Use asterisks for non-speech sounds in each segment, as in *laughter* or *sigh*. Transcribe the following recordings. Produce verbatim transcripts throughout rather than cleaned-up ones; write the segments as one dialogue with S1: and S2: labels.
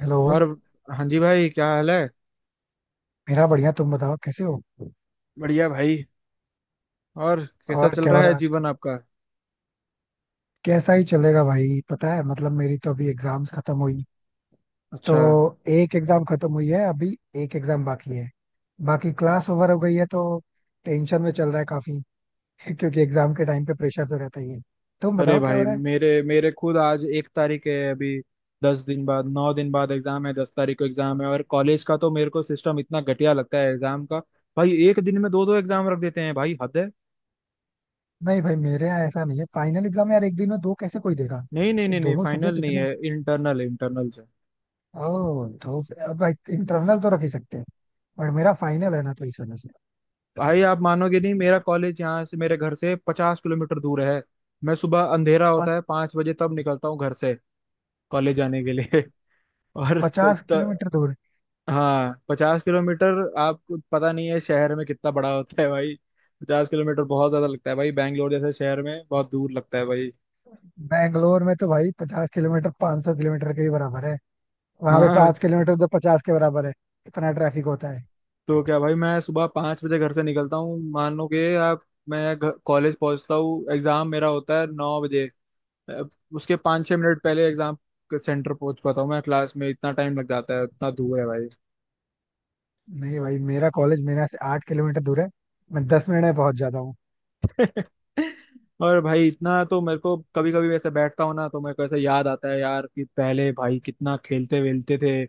S1: Hello.
S2: और हाँ जी भाई, क्या हाल है?
S1: मेरा बढ़िया, तुम बताओ कैसे हो?
S2: बढ़िया भाई। और कैसा
S1: और
S2: चल
S1: क्या हो
S2: रहा
S1: रहा
S2: है
S1: है
S2: जीवन
S1: आजकल?
S2: आपका?
S1: कैसा ही चलेगा भाई, पता है मतलब मेरी तो अभी एग्जाम्स खत्म हुई, तो
S2: अच्छा।
S1: एक एग्जाम खत्म हुई है अभी, एक एग्जाम बाकी है, बाकी क्लास ओवर हो गई है तो टेंशन में चल रहा है काफी. *laughs* क्योंकि एग्जाम के टाइम पे प्रेशर तो रहता ही है. तुम
S2: अरे
S1: बताओ क्या हो
S2: भाई,
S1: रहा है?
S2: मेरे मेरे खुद आज एक तारीख है अभी। दस दिन बाद, नौ दिन बाद एग्जाम है, दस तारीख को एग्जाम है। और कॉलेज का तो, मेरे को सिस्टम इतना घटिया लगता है एग्जाम का। भाई एक दिन में दो दो एग्जाम रख देते हैं, भाई हद है।
S1: नहीं भाई, मेरे यहाँ ऐसा नहीं है, फाइनल एग्जाम यार एक दिन में दो कैसे कोई देगा?
S2: नहीं नहीं
S1: ये
S2: नहीं नहीं,
S1: दोनों सब्जेक्ट
S2: फाइनल नहीं
S1: इतने,
S2: है, इंटरनल है, इंटरनल से।
S1: ओ तो अब इंटरनल तो रख ही सकते हैं, बट मेरा फाइनल है ना तो इस वजह से.
S2: भाई आप मानोगे नहीं, मेरा कॉलेज यहाँ से, मेरे घर से पचास किलोमीटर दूर है। मैं सुबह, अंधेरा होता है पांच बजे, तब निकलता हूँ घर से कॉलेज जाने के लिए। *laughs* और तो
S1: पचास
S2: इतना।
S1: किलोमीटर दूर
S2: हाँ, पचास किलोमीटर, आपको पता नहीं है शहर में कितना बड़ा होता है भाई। पचास किलोमीटर बहुत ज्यादा लगता है भाई, बैंगलोर जैसे शहर में बहुत दूर लगता है भाई।
S1: बैंगलोर में तो भाई पचास किलोमीटर 500 सौ किलोमीटर के ही बराबर है, वहां पे
S2: हाँ।
S1: पाँच किलोमीटर तो पचास के बराबर है, इतना ट्रैफिक होता है.
S2: तो क्या भाई, मैं सुबह पाँच बजे घर से निकलता हूँ, मान लो कि आप, मैं घर- कॉलेज पहुँचता हूँ, एग्जाम मेरा होता है नौ बजे। अब उसके पाँच छः मिनट पहले एग्जाम के सेंटर पहुँच पाता हूँ मैं क्लास में, इतना टाइम लग जाता है, इतना दूर है भाई।
S1: नहीं भाई, मेरा कॉलेज मेरे यहाँ से आठ किलोमीटर दूर है, मैं दस मिनट में पहुंच जाता हूँ.
S2: *laughs* और भाई इतना तो, मेरे को कभी कभी वैसे बैठता हूँ ना, तो मेरे को ऐसे याद आता है यार कि पहले भाई कितना खेलते वेलते थे।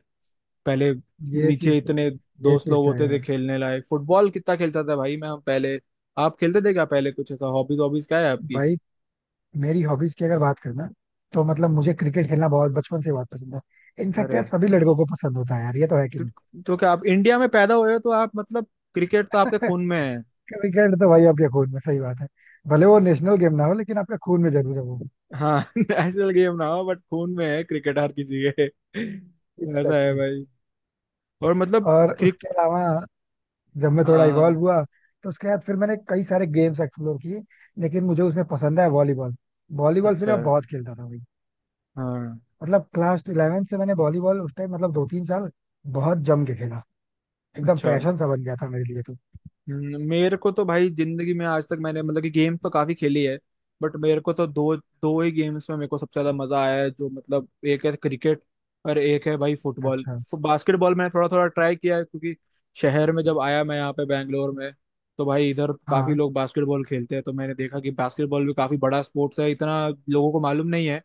S2: पहले
S1: ये
S2: नीचे
S1: चीज
S2: इतने
S1: ये
S2: दोस्त
S1: चीज
S2: लोग
S1: तो है
S2: होते थे
S1: यार.
S2: खेलने लायक, फुटबॉल कितना खेलता था भाई मैं हम पहले। आप खेलते थे क्या पहले? कुछ ऐसा हॉबीज, हॉबीज क्या है आपकी?
S1: भाई मेरी हॉबीज की अगर बात करना, तो मतलब मुझे क्रिकेट खेलना बहुत बचपन से बहुत पसंद है, इनफैक्ट
S2: अरे,
S1: यार सभी लड़कों को पसंद होता है यार, ये तो है कि
S2: तो,
S1: नहीं?
S2: तो क्या आप इंडिया में पैदा हुए हो, तो आप मतलब क्रिकेट तो आपके
S1: *laughs*
S2: खून में है।
S1: क्रिकेट तो भाई आपके खून में, सही बात है, भले वो नेशनल गेम ना हो लेकिन आपके खून में जरूर है वो.
S2: हाँ। *laughs* नेशनल गेम ना हो बट खून में है क्रिकेट हर किसी के। *laughs* ऐसा है
S1: एग्जैक्टली.
S2: भाई। और मतलब
S1: और
S2: क्रिक
S1: उसके अलावा, जब मैं
S2: हाँ
S1: थोड़ा इवॉल्व
S2: हाँ।
S1: हुआ तो उसके बाद फिर मैंने कई सारे गेम्स एक्सप्लोर किए, लेकिन मुझे उसमें पसंद है वॉलीबॉल. वॉलीबॉल फिर
S2: अच्छा।
S1: मैं बहुत खेलता था भाई,
S2: हाँ।
S1: मतलब क्लास इलेवेंथ से मैंने वॉलीबॉल उस टाइम मतलब दो तीन साल बहुत जम के खेला, एकदम
S2: अच्छा।
S1: पैशन सा बन गया था मेरे लिए तो.
S2: हम्म, मेरे को तो भाई, जिंदगी में आज तक मैंने मतलब कि गेम तो काफी खेली है, बट मेरे को तो दो दो ही गेम्स में मेरे को सबसे ज्यादा मजा आया है, जो मतलब एक है क्रिकेट और एक है भाई फुटबॉल।
S1: अच्छा.
S2: बास्केटबॉल मैंने थोड़ा थोड़ा ट्राई किया है, क्योंकि शहर में जब आया मैं यहाँ पे बैंगलोर में, तो भाई इधर काफी
S1: हाँ.
S2: लोग बास्केटबॉल खेलते हैं, तो मैंने देखा कि बास्केटबॉल भी काफी बड़ा स्पोर्ट्स है, इतना लोगों को मालूम नहीं है,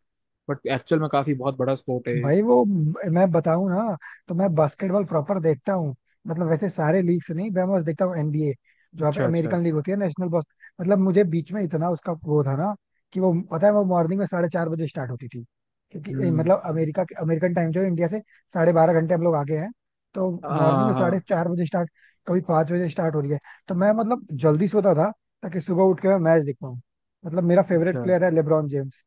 S2: बट एक्चुअल में काफी बहुत बड़ा स्पोर्ट है ये।
S1: भाई वो, मैं बताऊं ना, तो मैं बास्केटबॉल प्रॉपर देखता हूँ, मतलब वैसे सारे लीग से नहीं, मैं बस देखता हूँ एनबीए, जो पे
S2: अच्छा अच्छा।
S1: अमेरिकन लीग होती है, नेशनल बॉस. मतलब मुझे बीच में इतना उसका वो था ना कि वो पता है वो मॉर्निंग में साढ़े चार बजे स्टार्ट होती थी, क्योंकि ए,
S2: हम्म।
S1: मतलब अमेरिका के अमेरिकन टाइम जो है इंडिया से साढ़े बारह घंटे हम लोग आगे हैं, तो मॉर्निंग
S2: हाँ
S1: में साढ़े
S2: हाँ।
S1: चार बजे स्टार्ट, कभी पाँच बजे स्टार्ट हो रही है, तो मैं मतलब जल्दी सोता था ताकि सुबह उठ के मैं मैच देख पाऊँ. मतलब मेरा फेवरेट
S2: अच्छा
S1: प्लेयर है लेब्रॉन जेम्स,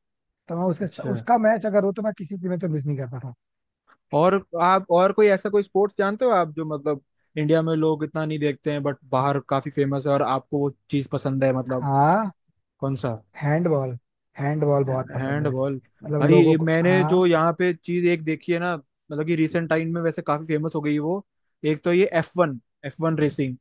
S1: तो मैं उसके
S2: अच्छा।
S1: उसका मैच अगर हो तो मैं किसी की में तो मिस नहीं करता था.
S2: और आप, और कोई ऐसा, कोई स्पोर्ट्स जानते हो आप जो मतलब इंडिया में लोग इतना नहीं देखते हैं बट बाहर काफी फेमस है, और आपको वो चीज पसंद है मतलब,
S1: हाँ,
S2: कौन सा?
S1: हैंडबॉल. हैंडबॉल बहुत पसंद है,
S2: हैंडबॉल।
S1: मतलब
S2: भाई
S1: लोगों
S2: ये
S1: को.
S2: मैंने
S1: हाँ.
S2: जो यहाँ पे चीज एक देखी है ना, मतलब कि रिसेंट टाइम में वैसे काफी फेमस हो गई है वो, एक तो ये F one, F one racing.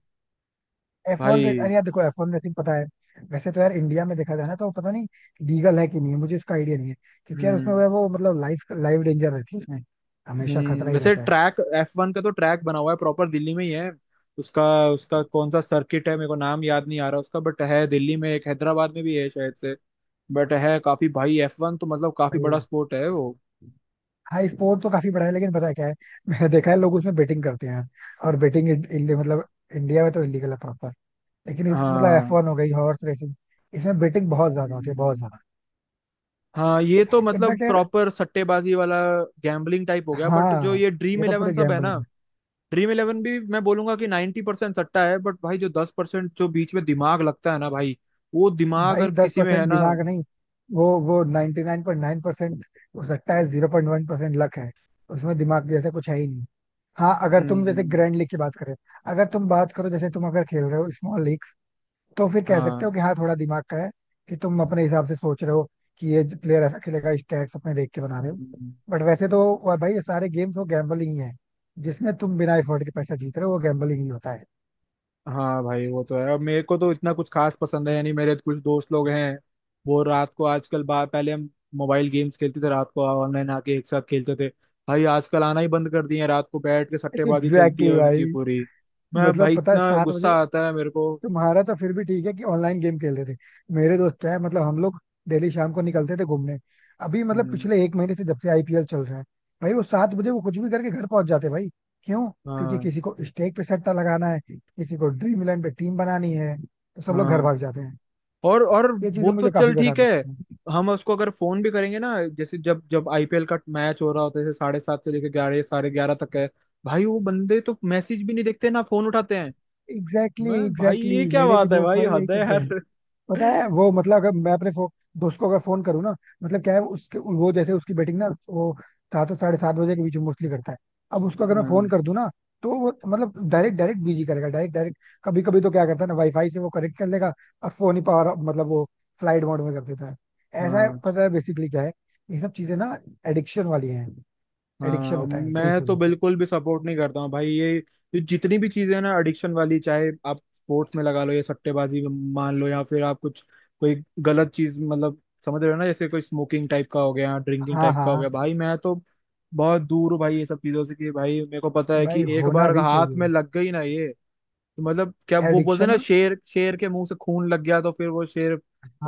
S1: F one,
S2: भाई।
S1: अरे यार देखो, एफ वन रेसिंग पता है, वैसे तो यार इंडिया में देखा जाए ना तो पता नहीं लीगल है कि नहीं, मुझे उसका आइडिया नहीं है, क्योंकि यार उसमें वो
S2: हम्म।
S1: वो मतलब लाइफ लाइफ डेंजर रहती है उसमें, हमेशा
S2: हम्म
S1: खतरा ही
S2: वैसे
S1: रहता है.
S2: ट्रैक एफ वन का, तो ट्रैक बना हुआ है प्रॉपर दिल्ली में ही है उसका। उसका कौन सा सर्किट है, मेरे को नाम याद नहीं आ रहा उसका, बट है दिल्ली में, एक हैदराबाद में भी है शायद से। बट है काफी भाई, एफ वन तो मतलब काफी
S1: भाई,
S2: बड़ा स्पोर्ट है वो।
S1: हाँ, स्पोर्ट तो काफी बड़ा है लेकिन पता है क्या है, *laughs* मैंने देखा है लोग उसमें बेटिंग करते हैं यार, और बेटिंग मतलब इंडिया में तो इलीगल है प्रॉपर, लेकिन इस मतलब एफ
S2: हाँ।
S1: वन हो गई, हॉर्स रेसिंग, इसमें बेटिंग बहुत ज्यादा होती है, बहुत
S2: हम्म।
S1: ज्यादा.
S2: हाँ, ये तो मतलब
S1: इनफैक्ट यार,
S2: प्रॉपर सट्टेबाजी वाला, गैम्बलिंग टाइप हो गया, बट जो
S1: हाँ
S2: ये ड्रीम
S1: ये तो
S2: इलेवन
S1: पूरे
S2: सब है ना,
S1: गैम्बलिंग है.
S2: ड्रीम इलेवन भी मैं बोलूंगा कि नाइन्टी परसेंट सट्टा है, बट भाई जो दस परसेंट जो बीच में दिमाग लगता है ना भाई, वो दिमाग
S1: भाई
S2: अगर
S1: दस
S2: किसी में है
S1: परसेंट
S2: ना।
S1: दिमाग नहीं, वो वो ninety nine point nine percent, हो सकता है zero point one percent luck है, उसमें दिमाग जैसा कुछ है ही नहीं. हाँ अगर तुम जैसे
S2: हम्म।
S1: ग्रैंड लीग की बात करें, अगर तुम बात करो जैसे तुम अगर खेल रहे हो स्मॉल लीग्स, तो फिर कह सकते
S2: हाँ।
S1: हो कि हाँ थोड़ा दिमाग का है, कि तुम अपने हिसाब से सोच रहे हो कि ये प्लेयर ऐसा खेलेगा, स्टैट्स अपने देख के बना रहे हो,
S2: हम्म,
S1: बट वैसे तो वो भाई ये सारे गेम्स वो गैम्बलिंग ही है, जिसमें तुम बिना एफर्ट के पैसा जीत रहे हो वो गैम्बलिंग ही होता है.
S2: हाँ भाई वो तो है, अब मेरे को तो इतना कुछ खास पसंद है, यानी मेरे तो कुछ दोस्त लोग हैं, वो रात को आजकल बा पहले हम मोबाइल गेम्स खेलते थे रात को, ऑनलाइन आके एक साथ खेलते थे। भाई आजकल आना ही बंद कर दिए हैं, रात को बैठ के
S1: *laughs*
S2: सट्टेबाजी चलती
S1: एग्जैक्टली
S2: है
S1: exactly
S2: उनकी
S1: भाई.
S2: पूरी। मैं,
S1: मतलब
S2: भाई
S1: पता है
S2: इतना
S1: सात
S2: गुस्सा
S1: बजे
S2: आता है मेरे को।
S1: तुम्हारा तो फिर भी ठीक है कि ऑनलाइन गेम खेलते थे, मेरे दोस्त है मतलब हम लोग डेली शाम को निकलते थे घूमने, अभी मतलब
S2: हम्म।
S1: पिछले एक महीने से जब से आईपीएल चल रहा है, भाई वो सात बजे वो कुछ भी करके घर पहुंच जाते भाई. क्यों? क्योंकि
S2: हाँ
S1: किसी को स्टेक पे सट्टा लगाना है, किसी को ड्रीम इलेवन पे टीम बनानी है, तो सब लोग घर
S2: हाँ।
S1: भाग जाते हैं.
S2: और और
S1: ये
S2: वो
S1: चीजें
S2: तो
S1: मुझे काफी
S2: चल
S1: बेकार
S2: ठीक है।
S1: लगती हैं.
S2: हम उसको अगर फोन भी करेंगे ना, जैसे जब जब आईपीएल का मैच हो रहा होता है, जैसे साढ़े सात से लेकर ग्यारह, साढ़े ग्यारह तक है, भाई वो बंदे तो मैसेज भी नहीं देखते, ना फोन उठाते हैं।
S1: एग्जैक्टली
S2: मैं,
S1: exactly,
S2: भाई
S1: एग्जैक्टली
S2: ये
S1: exactly,
S2: क्या
S1: मेरे भी
S2: बात है,
S1: दोस्त
S2: भाई
S1: भाई यही
S2: हद है
S1: करते हैं,
S2: यार।
S1: पता है
S2: *laughs*
S1: वो मतलब, अगर मैं अपने फो, दोस्त को अगर फोन करूँ ना, मतलब क्या है उसके वो जैसे उसकी बेटिंग ना वो सात और साढ़े सात बजे के बीच में मोस्टली करता है, अब उसको अगर मैं फोन
S2: हाँ।
S1: कर दूं ना तो वो मतलब डायरेक्ट डायरेक्ट बिजी करेगा, डायरेक्ट डायरेक्ट. कभी कभी तो क्या करता है ना, वाईफाई से वो कनेक्ट कर लेगा, और फोन ही पावर मतलब वो फ्लाइट मोड में कर देता है. ऐसा है,
S2: हाँ।
S1: पता है बेसिकली क्या है, ये सब चीजें ना एडिक्शन वाली हैं, एडिक्शन
S2: हाँ।
S1: होता है इनसे
S2: मैं
S1: इस
S2: तो
S1: वजह से.
S2: बिल्कुल भी सपोर्ट नहीं करता हूँ भाई ये ये जितनी भी चीजें हैं ना एडिक्शन वाली, चाहे आप स्पोर्ट्स में लगा लो या सट्टेबाजी में, मान लो, या फिर आप कुछ, कोई गलत चीज, मतलब समझ रहे हो ना, जैसे कोई स्मोकिंग टाइप का हो गया, ड्रिंकिंग
S1: हाँ,
S2: टाइप का हो गया।
S1: हाँ
S2: भाई मैं तो बहुत दूर हूँ भाई ये सब चीजों से, कि भाई मेरे को पता है कि
S1: भाई
S2: एक
S1: होना
S2: बार अगर
S1: भी
S2: हाथ में
S1: चाहिए
S2: लग गई ना ये, तो मतलब, क्या वो बोलते हैं
S1: एडिक्शन.
S2: ना, शेर, शेर के मुंह से खून लग गया तो फिर वो शेर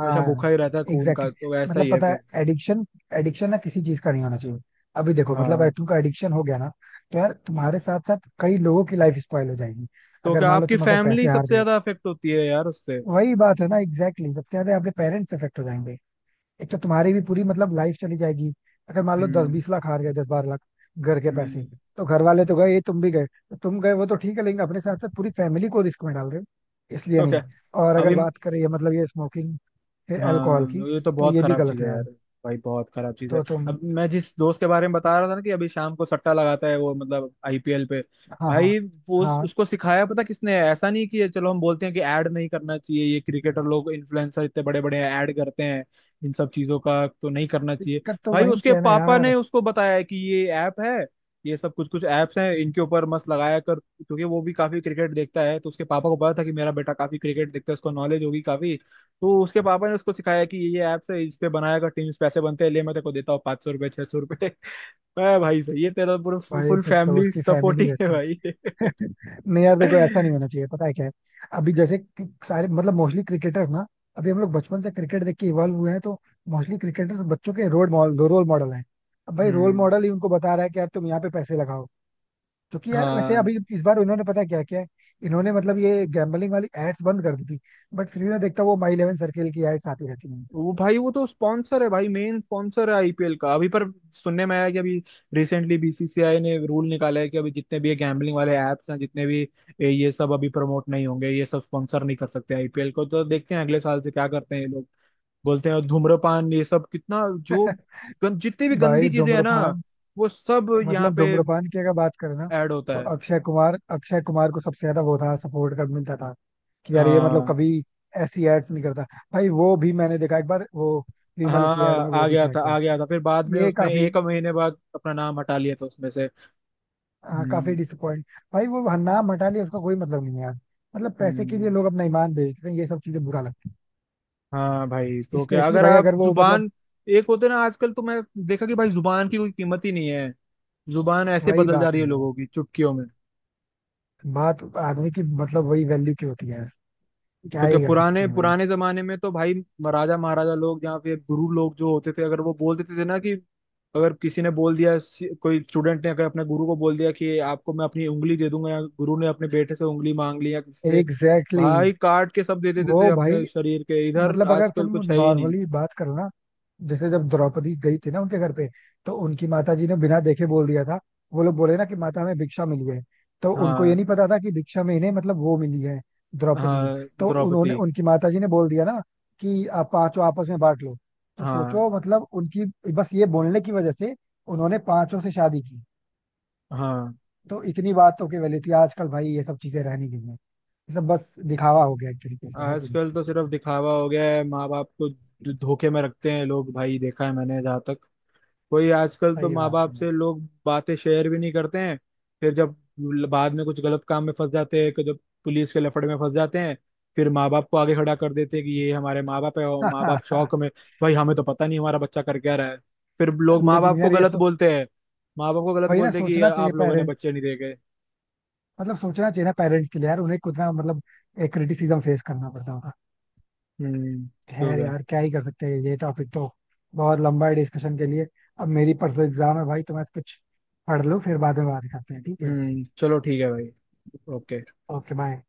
S2: हमेशा भूखा ही रहता है खून का,
S1: एग्जैक्टली
S2: तो
S1: exactly.
S2: ऐसा
S1: मतलब
S2: ही है
S1: पता
S2: फिर।
S1: है, एडिक्शन एडिक्शन ना किसी चीज का नहीं होना चाहिए, अभी देखो मतलब अगर
S2: हाँ।
S1: तुमका एडिक्शन हो गया ना, तो यार तुम्हारे साथ साथ कई लोगों की लाइफ स्पॉइल हो जाएगी,
S2: तो
S1: अगर
S2: क्या
S1: मान लो
S2: आपकी
S1: तुम अगर
S2: फैमिली
S1: पैसे हार
S2: सबसे
S1: गए,
S2: ज्यादा अफेक्ट होती है यार उससे?
S1: वही बात है ना, एग्जैक्टली exactly. सबसे ज्यादा आपके पेरेंट्स अफेक्ट हो जाएंगे, एक तो तुम्हारी भी पूरी मतलब लाइफ चली जाएगी, अगर मान लो दस
S2: हम्म।
S1: बीस लाख हार गए, दस बारह लाख, घर के पैसे,
S2: हम्म,
S1: तो घर वाले तो गए, ये तुम भी गए तो तुम गए वो तो ठीक है, लेकिन अपने साथ साथ पूरी फैमिली को रिस्क में डाल रहे हो, इसलिए
S2: तो
S1: नहीं.
S2: क्या,
S1: और अगर
S2: अभी।
S1: बात करें ये मतलब ये स्मोकिंग, फिर अल्कोहल की,
S2: हाँ, ये तो
S1: तो
S2: बहुत
S1: ये भी
S2: खराब
S1: गलत
S2: चीज
S1: है
S2: है
S1: यार.
S2: यार, भाई बहुत खराब चीज है।
S1: तो तुम.
S2: अब मैं जिस दोस्त के बारे में बता रहा था ना, कि अभी शाम को सट्टा लगाता है वो, मतलब आईपीएल पे,
S1: हाँ, हाँ,
S2: भाई वो उस-
S1: हाँ,
S2: उसको सिखाया पता किसने, ऐसा नहीं कि चलो हम बोलते हैं कि ऐड नहीं करना चाहिए, ये क्रिकेटर लोग, इन्फ्लुएंसर इतने बड़े बड़े ऐड करते हैं इन सब चीजों का, तो नहीं करना चाहिए।
S1: दिक्कत तो
S2: भाई
S1: वहीं
S2: उसके
S1: से है ना
S2: पापा
S1: यार.
S2: ने उसको बताया है कि ये ऐप है, ये सब कुछ कुछ ऐप्स हैं, इनके ऊपर मस्त लगाया कर, क्योंकि वो भी काफी क्रिकेट देखता है, तो उसके पापा को पता था कि मेरा बेटा काफी क्रिकेट देखता है, उसको नॉलेज होगी काफी, तो उसके पापा ने उसको सिखाया कि ये ऐप्स है, इस पे बनाया कर टीम्स, पैसे बनते हैं, ले मैं तेरे को देता हूँ पाँच सौ रुपये, छह सौ रुपये। मैं, *laughs* भाई सही है, तेरा पूरा
S1: भाई
S2: फुल
S1: फिर तो
S2: फैमिली
S1: उसकी फैमिली
S2: सपोर्टिंग है
S1: वैसी.
S2: भाई।
S1: *laughs* नहीं यार
S2: *laughs*
S1: देखो ऐसा नहीं
S2: हम्म।
S1: होना चाहिए, पता है क्या है, अभी जैसे कि सारे मतलब मोस्टली क्रिकेटर्स ना, अभी हम लोग बचपन से क्रिकेट देख के इवॉल्व हुए हैं, तो मोस्टली क्रिकेटर्स बच्चों के रोल मॉडल रोल मॉडल हैं, अब भाई रोल मॉडल ही उनको बता रहा है कि यार तुम यहाँ पे पैसे लगाओ, क्योंकि यार वैसे
S2: हाँ।
S1: अभी इस बार उन्होंने पता है क्या किया है, इन्होंने मतलब ये गैम्बलिंग वाली एड्स बंद कर दी थी, बट फिर भी मैं देखता हूँ वो माई इलेवन सर्किल की एड्स आती रहती
S2: वो भाई, वो तो स्पॉन्सर है भाई, मेन स्पॉन्सर है आईपीएल का अभी, पर सुनने में आया कि अभी रिसेंटली बीसीसीआई ने रूल निकाला है कि अभी जितने भी ये गैम्बलिंग वाले ऐप्स हैं, जितने भी ये ये सब अभी प्रमोट नहीं होंगे, ये सब स्पॉन्सर नहीं कर सकते आईपीएल को, तो देखते हैं अगले साल से क्या करते हैं ये, बोलते हैं। और धूम्रपान ये सब कितना जो
S1: हैं. *laughs*
S2: गन, जितनी भी गंदी
S1: भाई
S2: चीजें हैं ना,
S1: धूम्रपान,
S2: वो सब यहाँ
S1: मतलब
S2: पे
S1: धूम्रपान की अगर बात करें ना,
S2: ऐड होता
S1: तो
S2: है।
S1: अक्षय कुमार अक्षय कुमार को सबसे ज्यादा वो था सपोर्ट कर मिलता था कि यार ये मतलब
S2: हाँ।
S1: कभी ऐसी एड्स नहीं करता. भाई वो भी मैंने देखा एक बार, वो विमल की एड में
S2: हाँ।
S1: वो
S2: आ
S1: भी
S2: गया
S1: था एक
S2: था,
S1: बार.
S2: आ गया था, फिर बाद में
S1: ये
S2: उसने
S1: काफी,
S2: एक महीने बाद अपना नाम हटा लिया था उसमें से।
S1: हाँ, काफी
S2: हम्म।
S1: डिसअपॉइंट. भाई वो नाम हटा लिया उसका कोई मतलब नहीं है यार, मतलब पैसे के लिए
S2: हम्म,
S1: लोग अपना ईमान बेच देते हैं ये सब चीजें बुरा लगता
S2: हाँ भाई,
S1: है,
S2: तो क्या,
S1: स्पेशली
S2: अगर
S1: भाई
S2: आप
S1: अगर वो मतलब,
S2: जुबान एक होते ना, आजकल तो मैं देखा कि भाई जुबान की कोई कीमत ही नहीं है, जुबान ऐसे
S1: वही
S2: बदल जा
S1: बात
S2: रही है
S1: है,
S2: लोगों की चुटकियों में।
S1: बात आदमी की मतलब वही वैल्यू की होती है यार, क्या
S2: तो क्या,
S1: ही कर
S2: पुराने
S1: सकते हो भाई.
S2: पुराने जमाने में तो भाई, राजा महाराजा लोग या फिर गुरु लोग जो होते थे, अगर वो बोल देते थे ना कि, अगर किसी ने बोल दिया, कोई स्टूडेंट ने अगर अपने गुरु को बोल दिया कि आपको मैं अपनी उंगली दे दूंगा, या गुरु ने अपने बेटे से उंगली मांग ली, या किसी से,
S1: एग्जैक्टली exactly.
S2: भाई काट के सब दे देते थे
S1: वो भाई
S2: अपने शरीर के, इधर
S1: मतलब अगर
S2: आजकल
S1: तुम
S2: कुछ है ही नहीं।
S1: नॉर्मली बात करो ना, जैसे जब द्रौपदी गई थी ना उनके घर पे, तो उनकी माता जी ने बिना देखे बोल दिया था, वो लोग बोले ना कि माता हमें भिक्षा मिली है, तो उनको ये
S2: हाँ
S1: नहीं पता था कि भिक्षा में इन्हें मतलब वो मिली है, द्रौपदी जी,
S2: हाँ।
S1: तो उन्होंने
S2: द्रौपदी।
S1: उनकी माता जी ने बोल दिया ना कि आप पांचों आपस में बांट लो, तो
S2: हाँ
S1: सोचो मतलब उनकी, बस ये बोलने की वजह से उन्होंने पांचों से शादी की,
S2: हाँ।
S1: तो इतनी बात तो की वैल्यू थी, आजकल भाई ये सब चीजें रहनी गई है, ये सब बस दिखावा हो गया एक तरीके से है कि नहीं?
S2: आजकल तो सिर्फ दिखावा हो गया है, माँ बाप को धोखे में रखते हैं लोग, भाई देखा है मैंने, जहाँ तक कोई आजकल तो
S1: सही
S2: माँ
S1: बात
S2: बाप से लोग बातें शेयर भी नहीं करते हैं, फिर जब बाद में कुछ गलत काम में फंस जाते हैं, कि जब पुलिस के लफड़े में फंस जाते हैं, फिर माँ बाप को आगे खड़ा कर देते हैं कि ये हमारे माँ बाप है, और
S1: है.
S2: माँ बाप
S1: *laughs*
S2: शौक में, भाई हमें तो पता नहीं हमारा बच्चा कर क्या रहा है, फिर लोग माँ
S1: लेकिन
S2: बाप को
S1: यार ये
S2: गलत
S1: सो,
S2: बोलते हैं, माँ बाप को गलत
S1: वही ना
S2: बोलते हैं कि
S1: सोचना चाहिए
S2: आप लोगों ने
S1: पेरेंट्स,
S2: बच्चे नहीं देखे।
S1: मतलब सोचना चाहिए ना पेरेंट्स के लिए यार उन्हें कितना मतलब एक क्रिटिसिज्म फेस करना पड़ता होगा.
S2: हम्म। तो
S1: खैर
S2: क्या।
S1: यार क्या ही कर सकते हैं, ये टॉपिक तो बहुत लंबा है डिस्कशन के लिए. अब मेरी परसों एग्जाम है भाई, तो मैं कुछ पढ़ लूँ फिर बाद में बात करते हैं, ठीक है,
S2: हम्म चलो ठीक है भाई। ओके।
S1: Okay bye.